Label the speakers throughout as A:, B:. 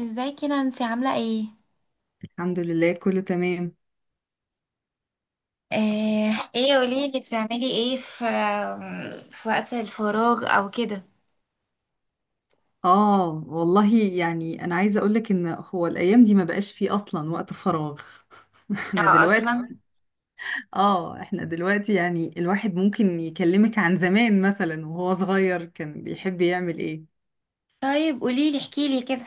A: ازيك يا نانسي، عاملة ايه؟
B: الحمد لله كله تمام.
A: آه، ايه قوليلي بتعملي ايه في وقت الفراغ او كده.
B: اه والله يعني انا عايزه اقولك ان هو الايام دي ما بقاش فيه اصلا وقت فراغ. احنا
A: او
B: دلوقتي،
A: اصلا.
B: اه احنا دلوقتي الواحد ممكن يكلمك عن زمان مثلا وهو صغير كان بيحب يعمل ايه.
A: طيب قوليلي، احكيلي كده.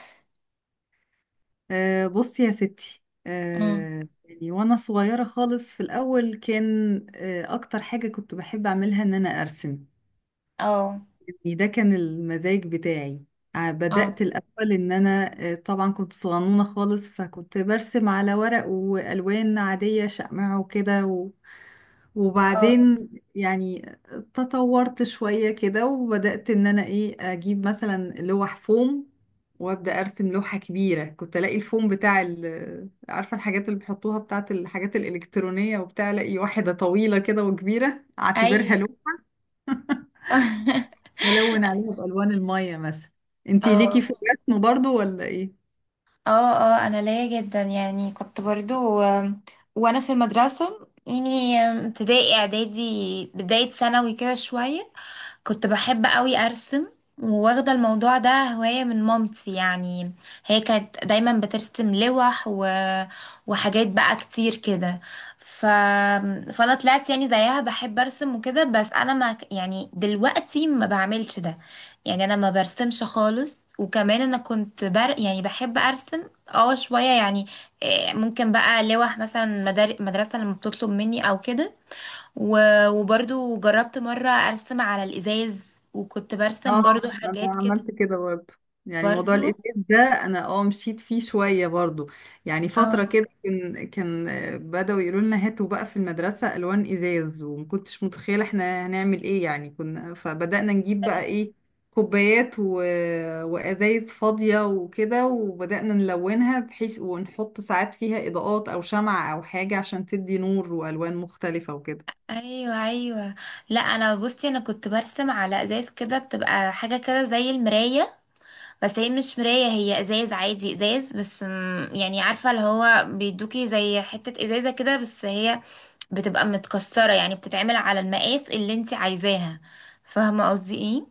B: آه بصي يا ستي،
A: مم.
B: وانا صغيره خالص في الاول كان، آه اكتر حاجه كنت بحب اعملها ان انا ارسم.
A: اه.
B: يعني ده كان المزاج بتاعي.
A: اه.
B: بدأت الأول إن أنا، طبعا كنت صغنونة خالص فكنت برسم على ورق وألوان عادية شقمع وكده
A: اه.
B: وبعدين يعني تطورت شوية كده وبدأت إن أنا إيه أجيب مثلا لوح فوم وأبدأ أرسم لوحة كبيرة. كنت ألاقي الفوم بتاع عارفة الحاجات اللي بيحطوها بتاعت الحاجات الإلكترونية وبتاع، ألاقي واحدة طويلة كده وكبيرة أعتبرها
A: اي.
B: لوحة،
A: اه.
B: ولون عليها بألوان المية مثلا. انتي ليكي في الرسم برضو ولا ايه؟
A: اه. اه. انا ليا جدا، يعني كنت برضو، وانا في المدرسة يعني، ابتدائي اعدادي، بداية ثانوي كده شوية. كنت بحب قوي ارسم، وواخده الموضوع ده هوايه من مامتي يعني. هي كانت دايما بترسم لوح وحاجات بقى كتير كده. ف... فانا طلعت يعني زيها بحب ارسم وكده، بس انا ما ك- يعني دلوقتي ما بعملش ده. يعني انا ما برسمش خالص. وكمان انا يعني بحب ارسم اه شويه يعني. إيه، ممكن بقى لوح مثلا مدرسه لما بتطلب مني او كده. وبرضو جربت مرة أرسم على الإزاز، وكنت برسم
B: اه،
A: برضو
B: انا
A: حاجات كده.
B: عملت كده برضه. يعني موضوع
A: برضو.
B: الاتيكيت ده انا اه مشيت فيه شويه برضه. يعني
A: اه.
B: فتره كده كان بداوا يقولوا لنا هاتوا بقى في المدرسه الوان ازاز، وما كنتش متخيله احنا هنعمل ايه يعني، كنا فبدانا نجيب بقى ايه، كوبايات وازايز فاضيه وكده، وبدانا نلونها بحيث ونحط ساعات فيها اضاءات او شمعة او حاجه عشان تدي نور والوان مختلفه وكده.
A: ايوه، ايوه. لا، انا بصي انا كنت برسم على ازاز كده، بتبقى حاجه كده زي المرايه. بس هي مش مرايه، هي ازاز عادي، ازاز. بس يعني عارفه اللي هو بيدوكي زي حته ازازه كده، بس هي بتبقى متكسره يعني، بتتعمل على المقاس اللي انت عايزاها. فاهمه قصدي ايه؟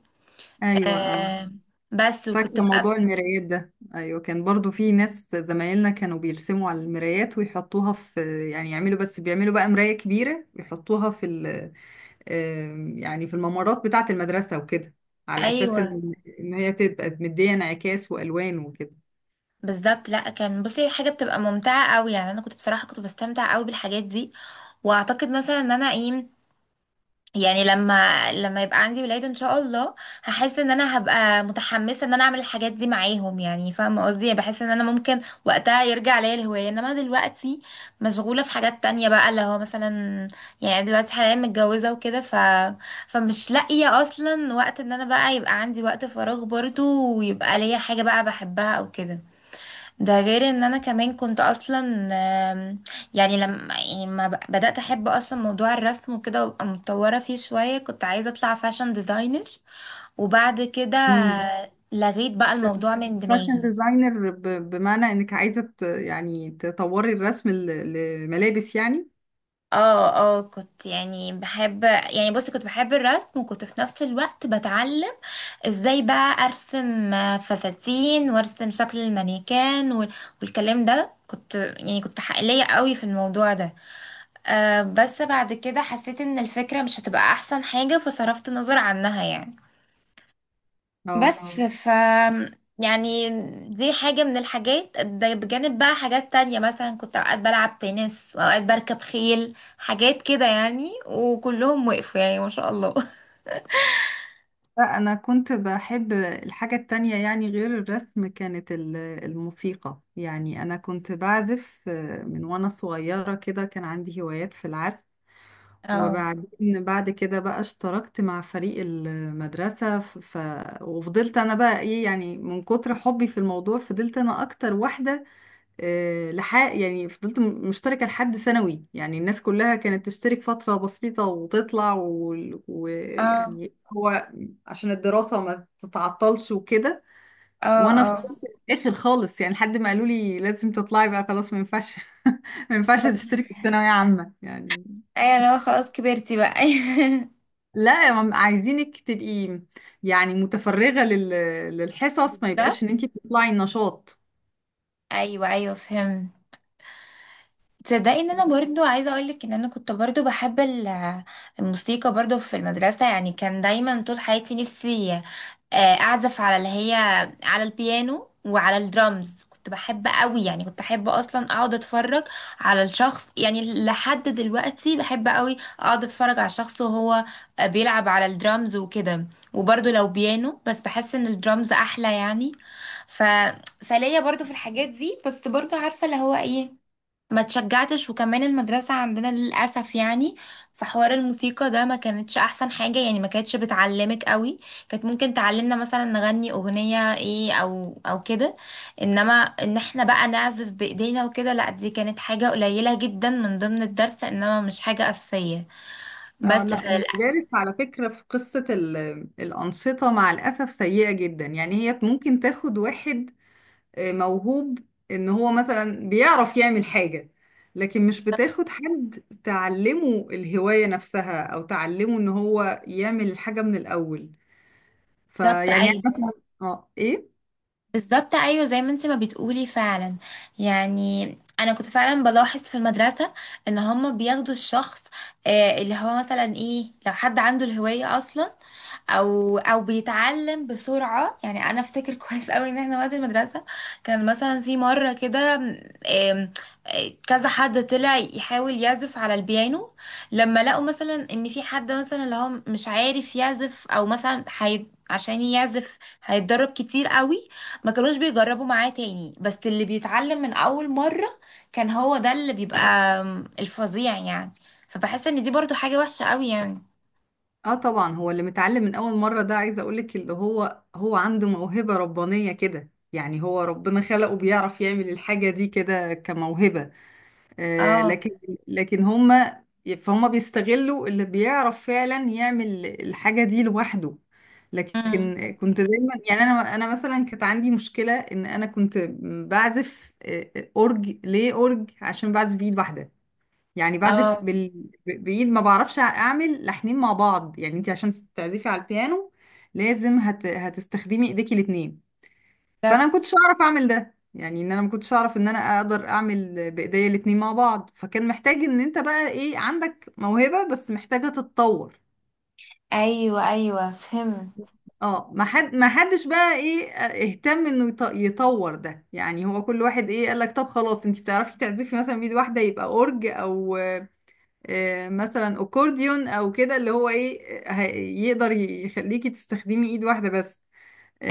B: ايوه اه،
A: آه. بس وكنت
B: فاكرة موضوع
A: بقى.
B: المرايات ده، أيوة كان برضو في ناس زمايلنا كانوا بيرسموا على المرايات ويحطوها في، يعني يعملوا، بس بيعملوا بقى مراية كبيرة يحطوها في ال آم، يعني في الممرات بتاعة المدرسة وكده، على أساس
A: ايوه
B: إن هي تبقى مدية انعكاس وألوان وكده.
A: بالظبط. لا، كان بصي حاجه بتبقى ممتعه قوي، يعني انا كنت بصراحه كنت بستمتع قوي بالحاجات دي. واعتقد مثلا ان انا ايه، يعني لما يبقى عندي ولاد ان شاء الله، هحس ان انا هبقى متحمسه ان انا اعمل الحاجات دي معاهم. يعني فاهمه قصدي، يعني بحس ان انا ممكن وقتها يرجع ليا الهوايه، انما دلوقتي مشغوله في حاجات تانية بقى، اللي هو مثلا يعني دلوقتي حاليا متجوزه وكده، فمش لاقيه اصلا وقت ان انا بقى يبقى عندي وقت فراغ برضه، ويبقى ليا حاجه بقى بحبها او كده. ده غير ان انا كمان كنت اصلا، آم، يعني لما يعني ما ب- بدأت احب اصلا موضوع الرسم وكده، وابقى متطورة فيه شوية كنت عايزة اطلع فاشن ديزاينر. وبعد كده
B: مم.
A: لغيت بقى الموضوع من
B: فاشن
A: دماغي.
B: ديزاينر بمعنى إنك عايزة تطوري الرسم لملابس يعني.
A: اه. اه. كنت يعني بحب يعني بصي كنت بحب الرسم، وكنت في نفس الوقت بتعلم ازاي بقى ارسم فساتين، وارسم شكل المانيكان والكلام ده، كنت حقيقية قوي في الموضوع ده. آه، بس بعد كده حسيت ان الفكرة مش هتبقى احسن حاجة، فصرفت نظر عنها يعني.
B: اه
A: بس يعني دي حاجة من الحاجات ده، بجانب بقى حاجات تانية. مثلا كنت اوقات بلعب تنس، اوقات بركب خيل، حاجات كده يعني، وكلهم وقفوا يعني ما شاء الله.
B: لا، أنا كنت بحب الحاجة التانية يعني، غير الرسم كانت الموسيقى. يعني أنا كنت بعزف، من وأنا صغيرة كده كان عندي هوايات في العزف،
A: اه.
B: وبعدين بعد كده بقى اشتركت مع فريق المدرسة وفضلت أنا بقى إيه، يعني من كتر حبي في الموضوع فضلت أنا أكتر واحدة، لحق، يعني فضلت مشتركة لحد ثانوي. يعني الناس كلها كانت تشترك فترة بسيطة وتطلع وال- ويعني و...
A: اه.
B: يعني هو عشان الدراسة ما تتعطلش وكده،
A: اه.
B: وانا
A: اه.
B: فضلت اخر خالص، يعني لحد ما قالوا لي لازم تطلعي بقى خلاص ما ينفعش. ما ينفعش تشتركي في ثانوية عامة يعني.
A: ايوه، لو خلاص كبرتي بقى.
B: لا هم عايزينك تبقي يعني متفرغة للحصص، ما يبقاش ان
A: بالظبط،
B: انت بتطلعي النشاط.
A: ايوه، ايوه، فهمت. تصدقي ان انا برضو عايزه اقولك، ان انا كنت برضو بحب الموسيقى، برضو في المدرسه. يعني كان دايما طول حياتي نفسي اعزف على اللي هي، على البيانو وعلى الدرامز. كنت بحب قوي، يعني كنت احب اصلا اقعد اتفرج على الشخص، يعني لحد دلوقتي بحب قوي اقعد اتفرج على شخص وهو بيلعب على الدرامز وكده. وبرضو لو بيانو، بس بحس ان الدرامز احلى يعني. ف... فليا برضو في الحاجات دي، بس برضو عارفه اللي هو ايه، ما تشجعتش، وكمان المدرسة عندنا للأسف يعني في حوار الموسيقى ده ما كانتش أحسن حاجة، يعني ما كانتش بتعلمك قوي. كانت ممكن تعلمنا مثلا نغني أغنية إيه أو كده. إنما إن إحنا بقى نعزف بإيدينا وكده، لأ دي كانت حاجة قليلة جدا من ضمن الدرس، إنما مش حاجة أساسية. بس
B: اه لا، المدارس على فكرة في قصة الأنشطة مع الأسف سيئة جدا. يعني هي ممكن تاخد واحد، موهوب، إن هو مثلا بيعرف يعمل حاجة، لكن مش بتاخد حد تعلمه الهواية نفسها أو تعلمه إن هو يعمل الحاجة من الأول. فيعني أنا
A: فللأسف.
B: مثلا، اه إيه؟
A: بالظبط، ايوه، زي ما انت ما بتقولي فعلا. يعني انا كنت فعلا بلاحظ في المدرسه ان هما بياخدوا الشخص، اللي هو مثلا ايه، لو حد عنده الهوايه اصلا، او بيتعلم بسرعه. يعني انا افتكر كويس قوي ان احنا وقت المدرسه، كان مثلا في مره كده، آم، كذا حد طلع يحاول يعزف على البيانو. لما لقوا مثلا ان في حد مثلا اللي هو مش عارف يعزف، او مثلا عشان يعزف هيتدرب كتير قوي، ما كانوش بيجربوا معاه تاني. بس اللي بيتعلم من اول مرة كان هو ده اللي بيبقى الفظيع يعني. فبحس ان دي برضو حاجة وحشة قوي يعني.
B: اه طبعا، هو اللي متعلم من أول مرة ده عايزة أقولك اللي هو هو عنده موهبة ربانية كده، يعني هو ربنا خلقه بيعرف يعمل الحاجة دي كده كموهبة، آه،
A: اه.
B: لكن لكن فهم بيستغلوا اللي بيعرف فعلا يعمل الحاجة دي لوحده. لكن
A: امم.
B: كنت دايما، يعني انا مثلا كانت عندي مشكلة ان انا كنت بعزف، اورج، ليه اورج؟ عشان بعزف بايد واحدة. يعني بعزف
A: اه.
B: بايد، ما بعرفش اعمل لحنين مع بعض. يعني انت عشان تعزفي على البيانو لازم هتستخدمي ايديكي الاتنين، فانا ما
A: بالظبط،
B: كنتش اعرف اعمل ده. يعني ان انا ما كنتش اعرف ان انا اقدر اعمل بايديا الاتنين مع بعض، فكان محتاج ان انت بقى ايه، عندك موهبة بس محتاجة تتطور.
A: ايوه، ايوه، فهمت.
B: اه، ما حدش بقى ايه اهتم انه يطور ده. يعني هو كل واحد ايه قال لك، طب خلاص انت بتعرفي تعزفي مثلا بايد واحده، يبقى اورج، او مثلا اكورديون او كده، اللي هو ايه، يقدر يخليكي تستخدمي ايد واحده بس.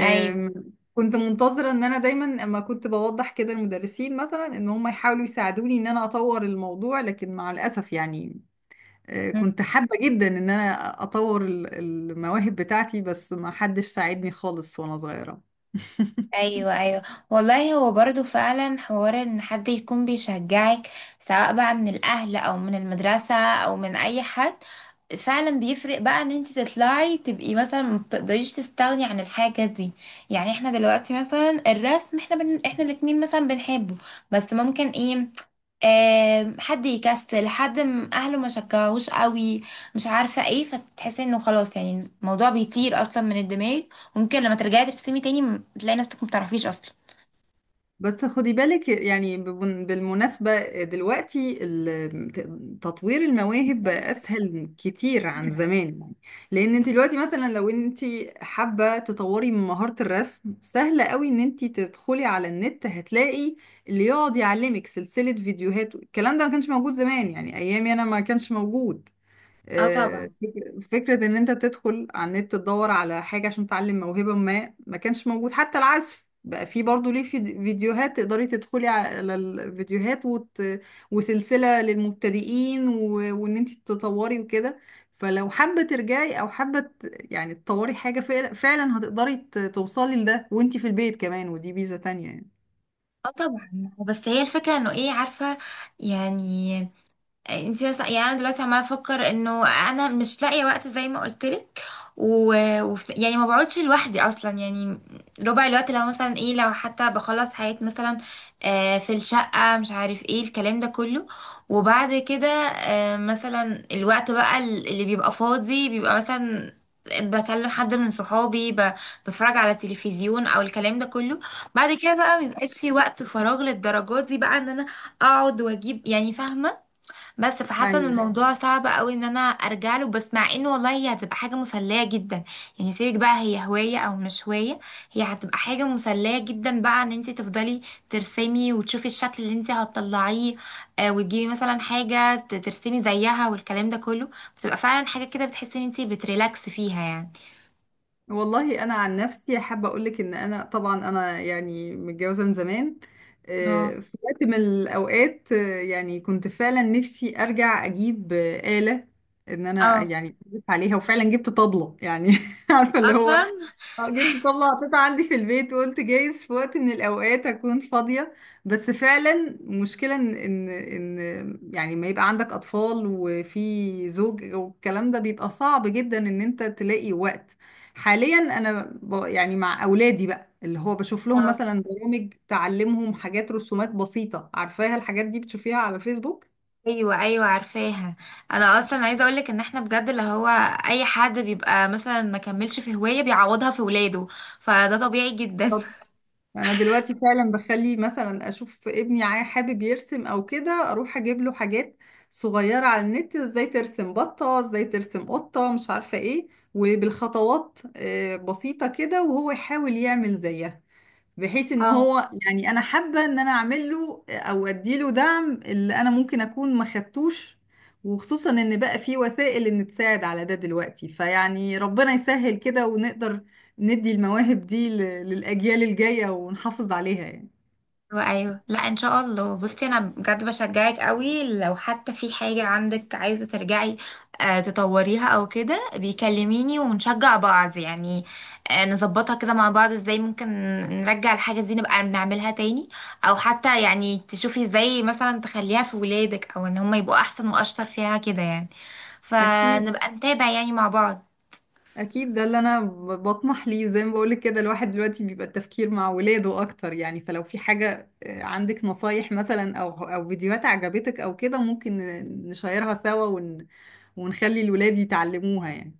A: ايوه،
B: كنت منتظرة ان انا دايما، اما كنت بوضح كده المدرسين مثلا ان هم يحاولوا يساعدوني ان انا اطور الموضوع، لكن مع الاسف يعني، كنت حابة جدا ان انا اطور المواهب بتاعتي، بس ما حدش ساعدني خالص وانا صغيرة.
A: ايوه، ايوه. والله هو برضو فعلا حوار، ان حد يكون بيشجعك سواء بقى من الاهل او من المدرسة او من اي حد، فعلا بيفرق بقى ان انت تطلعي تبقي مثلا ما بتقدريش تستغني عن الحاجة دي. يعني احنا دلوقتي مثلا الرسم، احنا احنا الاتنين مثلا بنحبه. بس ممكن ايه، حد يكسل، حد اهله ما شجعوش قوي، مش عارفه ايه، فتحسي انه خلاص يعني الموضوع بيطير اصلا من الدماغ. وممكن لما ترجعي ترسمي تاني تلاقي نفسك ما بتعرفيش اصلا.
B: بس خدي بالك، يعني بالمناسبة دلوقتي تطوير المواهب بقى أسهل كتير عن زمان. يعني لأن انت دلوقتي مثلا لو انت حابة تطوري من مهارة الرسم، سهل قوي ان انت تدخلي على النت هتلاقي اللي يقعد يعلمك سلسلة فيديوهات. الكلام ده ما كانش موجود زمان، يعني أيامي أنا ما كانش موجود،
A: اه طبعا.
B: فكرة إن أنت تدخل على النت تدور على حاجة عشان تعلم موهبة ما كانش موجود. حتى العزف بقى في برضه ليه، في فيديوهات تقدري تدخلي على الفيديوهات وسلسلة للمبتدئين وإن أنت تطوري وكده. فلو حابة ترجعي أو حابة تطوري حاجة، فعلا فعلا هتقدري توصلي لده وأنت في البيت كمان، ودي ميزة تانية يعني.
A: اه طبعا. بس هي الفكره انه ايه، عارفه يعني. انت مثلا، يعني انا دلوقتي عماله افكر انه انا مش لاقيه وقت زي ما قلت لك. و... يعني ما بقعدش لوحدي اصلا، يعني ربع الوقت. لو مثلا ايه، لو حتى بخلص حاجات مثلا في الشقه، مش عارف ايه الكلام ده كله، وبعد كده مثلا الوقت بقى اللي بيبقى فاضي بيبقى مثلا بكلم حد من صحابي، بتفرج على التلفزيون او الكلام ده كله. بعد كده بقى مبيبقاش في وقت فراغ للدرجات دي، بقى ان انا اقعد واجيب، يعني فاهمه. بس فحاسه ان
B: ايوه،
A: الموضوع صعب قوي ان انا ارجع له. بس مع انه والله هي هتبقى حاجه مسليه جدا. يعني سيبك بقى، هي هوايه او مش هوايه، هي هتبقى حاجه مسليه جدا بقى ان انت تفضلي ترسمي وتشوفي الشكل اللي انت هتطلعيه. وتجيبي مثلا حاجه ترسمي زيها والكلام ده كله. بتبقى فعلا حاجه كده بتحسي ان انت بتريلاكس فيها يعني.
B: والله انا عن نفسي حابه اقول لك ان انا طبعا انا يعني متجوزه من زمان،
A: اه.
B: في وقت من الاوقات، كنت فعلا نفسي ارجع اجيب، آلة ان انا
A: اه
B: يعني ألف عليها، وفعلا جبت طبلة يعني. عارفه اللي هو،
A: اصلا.
B: اه جيت تطلع قطعة عندي في البيت، وقلت جايز في وقت من الأوقات أكون فاضية. بس فعلا مشكلة إن ما يبقى عندك أطفال وفي زوج والكلام ده، بيبقى صعب جدا إن أنت تلاقي وقت. حاليا أنا مع أولادي بقى اللي هو بشوف لهم مثلا برامج تعلمهم حاجات، رسومات بسيطة عارفاها الحاجات دي، بتشوفيها على فيسبوك.
A: ايوه، ايوه، عارفاها. انا اصلا عايزه اقولك ان احنا بجد، اللي هو اي حد بيبقى مثلا ما كملش في هوايه، بيعوضها في ولاده. فده طبيعي جدا.
B: انا دلوقتي فعلا بخلي مثلا اشوف ابني حابب يرسم او كده، اروح اجيب له حاجات صغيره على النت، ازاي ترسم بطه، ازاي ترسم قطه، مش عارفه ايه، وبالخطوات، بسيطه كده وهو يحاول يعمل زيها، بحيث ان هو، يعني انا حابه ان انا اعمل له او اديله دعم اللي انا ممكن اكون ما خدتوش، وخصوصا ان بقى في وسائل ان تساعد على ده دلوقتي. فيعني ربنا يسهل كده ونقدر ندي المواهب دي للاجيال الجايه ونحافظ عليها يعني.
A: ايوه، أيوة. لا ان شاء الله، بصي انا بجد بشجعك قوي لو حتى في حاجه عندك عايزه ترجعي تطوريها او كده. بيكلميني ونشجع بعض يعني، نظبطها كده مع بعض، ازاي ممكن نرجع الحاجه دي نبقى نعملها تاني. او حتى يعني تشوفي ازاي مثلا تخليها في ولادك، او ان هم يبقوا احسن واشطر فيها كده يعني.
B: اكيد،
A: فنبقى نتابع يعني مع بعض.
B: اكيد ده اللي انا بطمح ليه. زي ما بقولك كده الواحد دلوقتي بيبقى التفكير مع ولاده اكتر. يعني فلو في حاجة، عندك نصايح مثلا او فيديوهات عجبتك او كده، ممكن نشيرها سوا ونخلي الولاد يتعلموها يعني.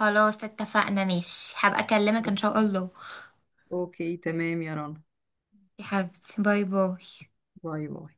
A: خلاص، اتفقنا، ماشي، هبقى اكلمك ان شاء الله.
B: اوكي تمام يا رنا،
A: يا حبيبتي، باي باي.
B: باي باي.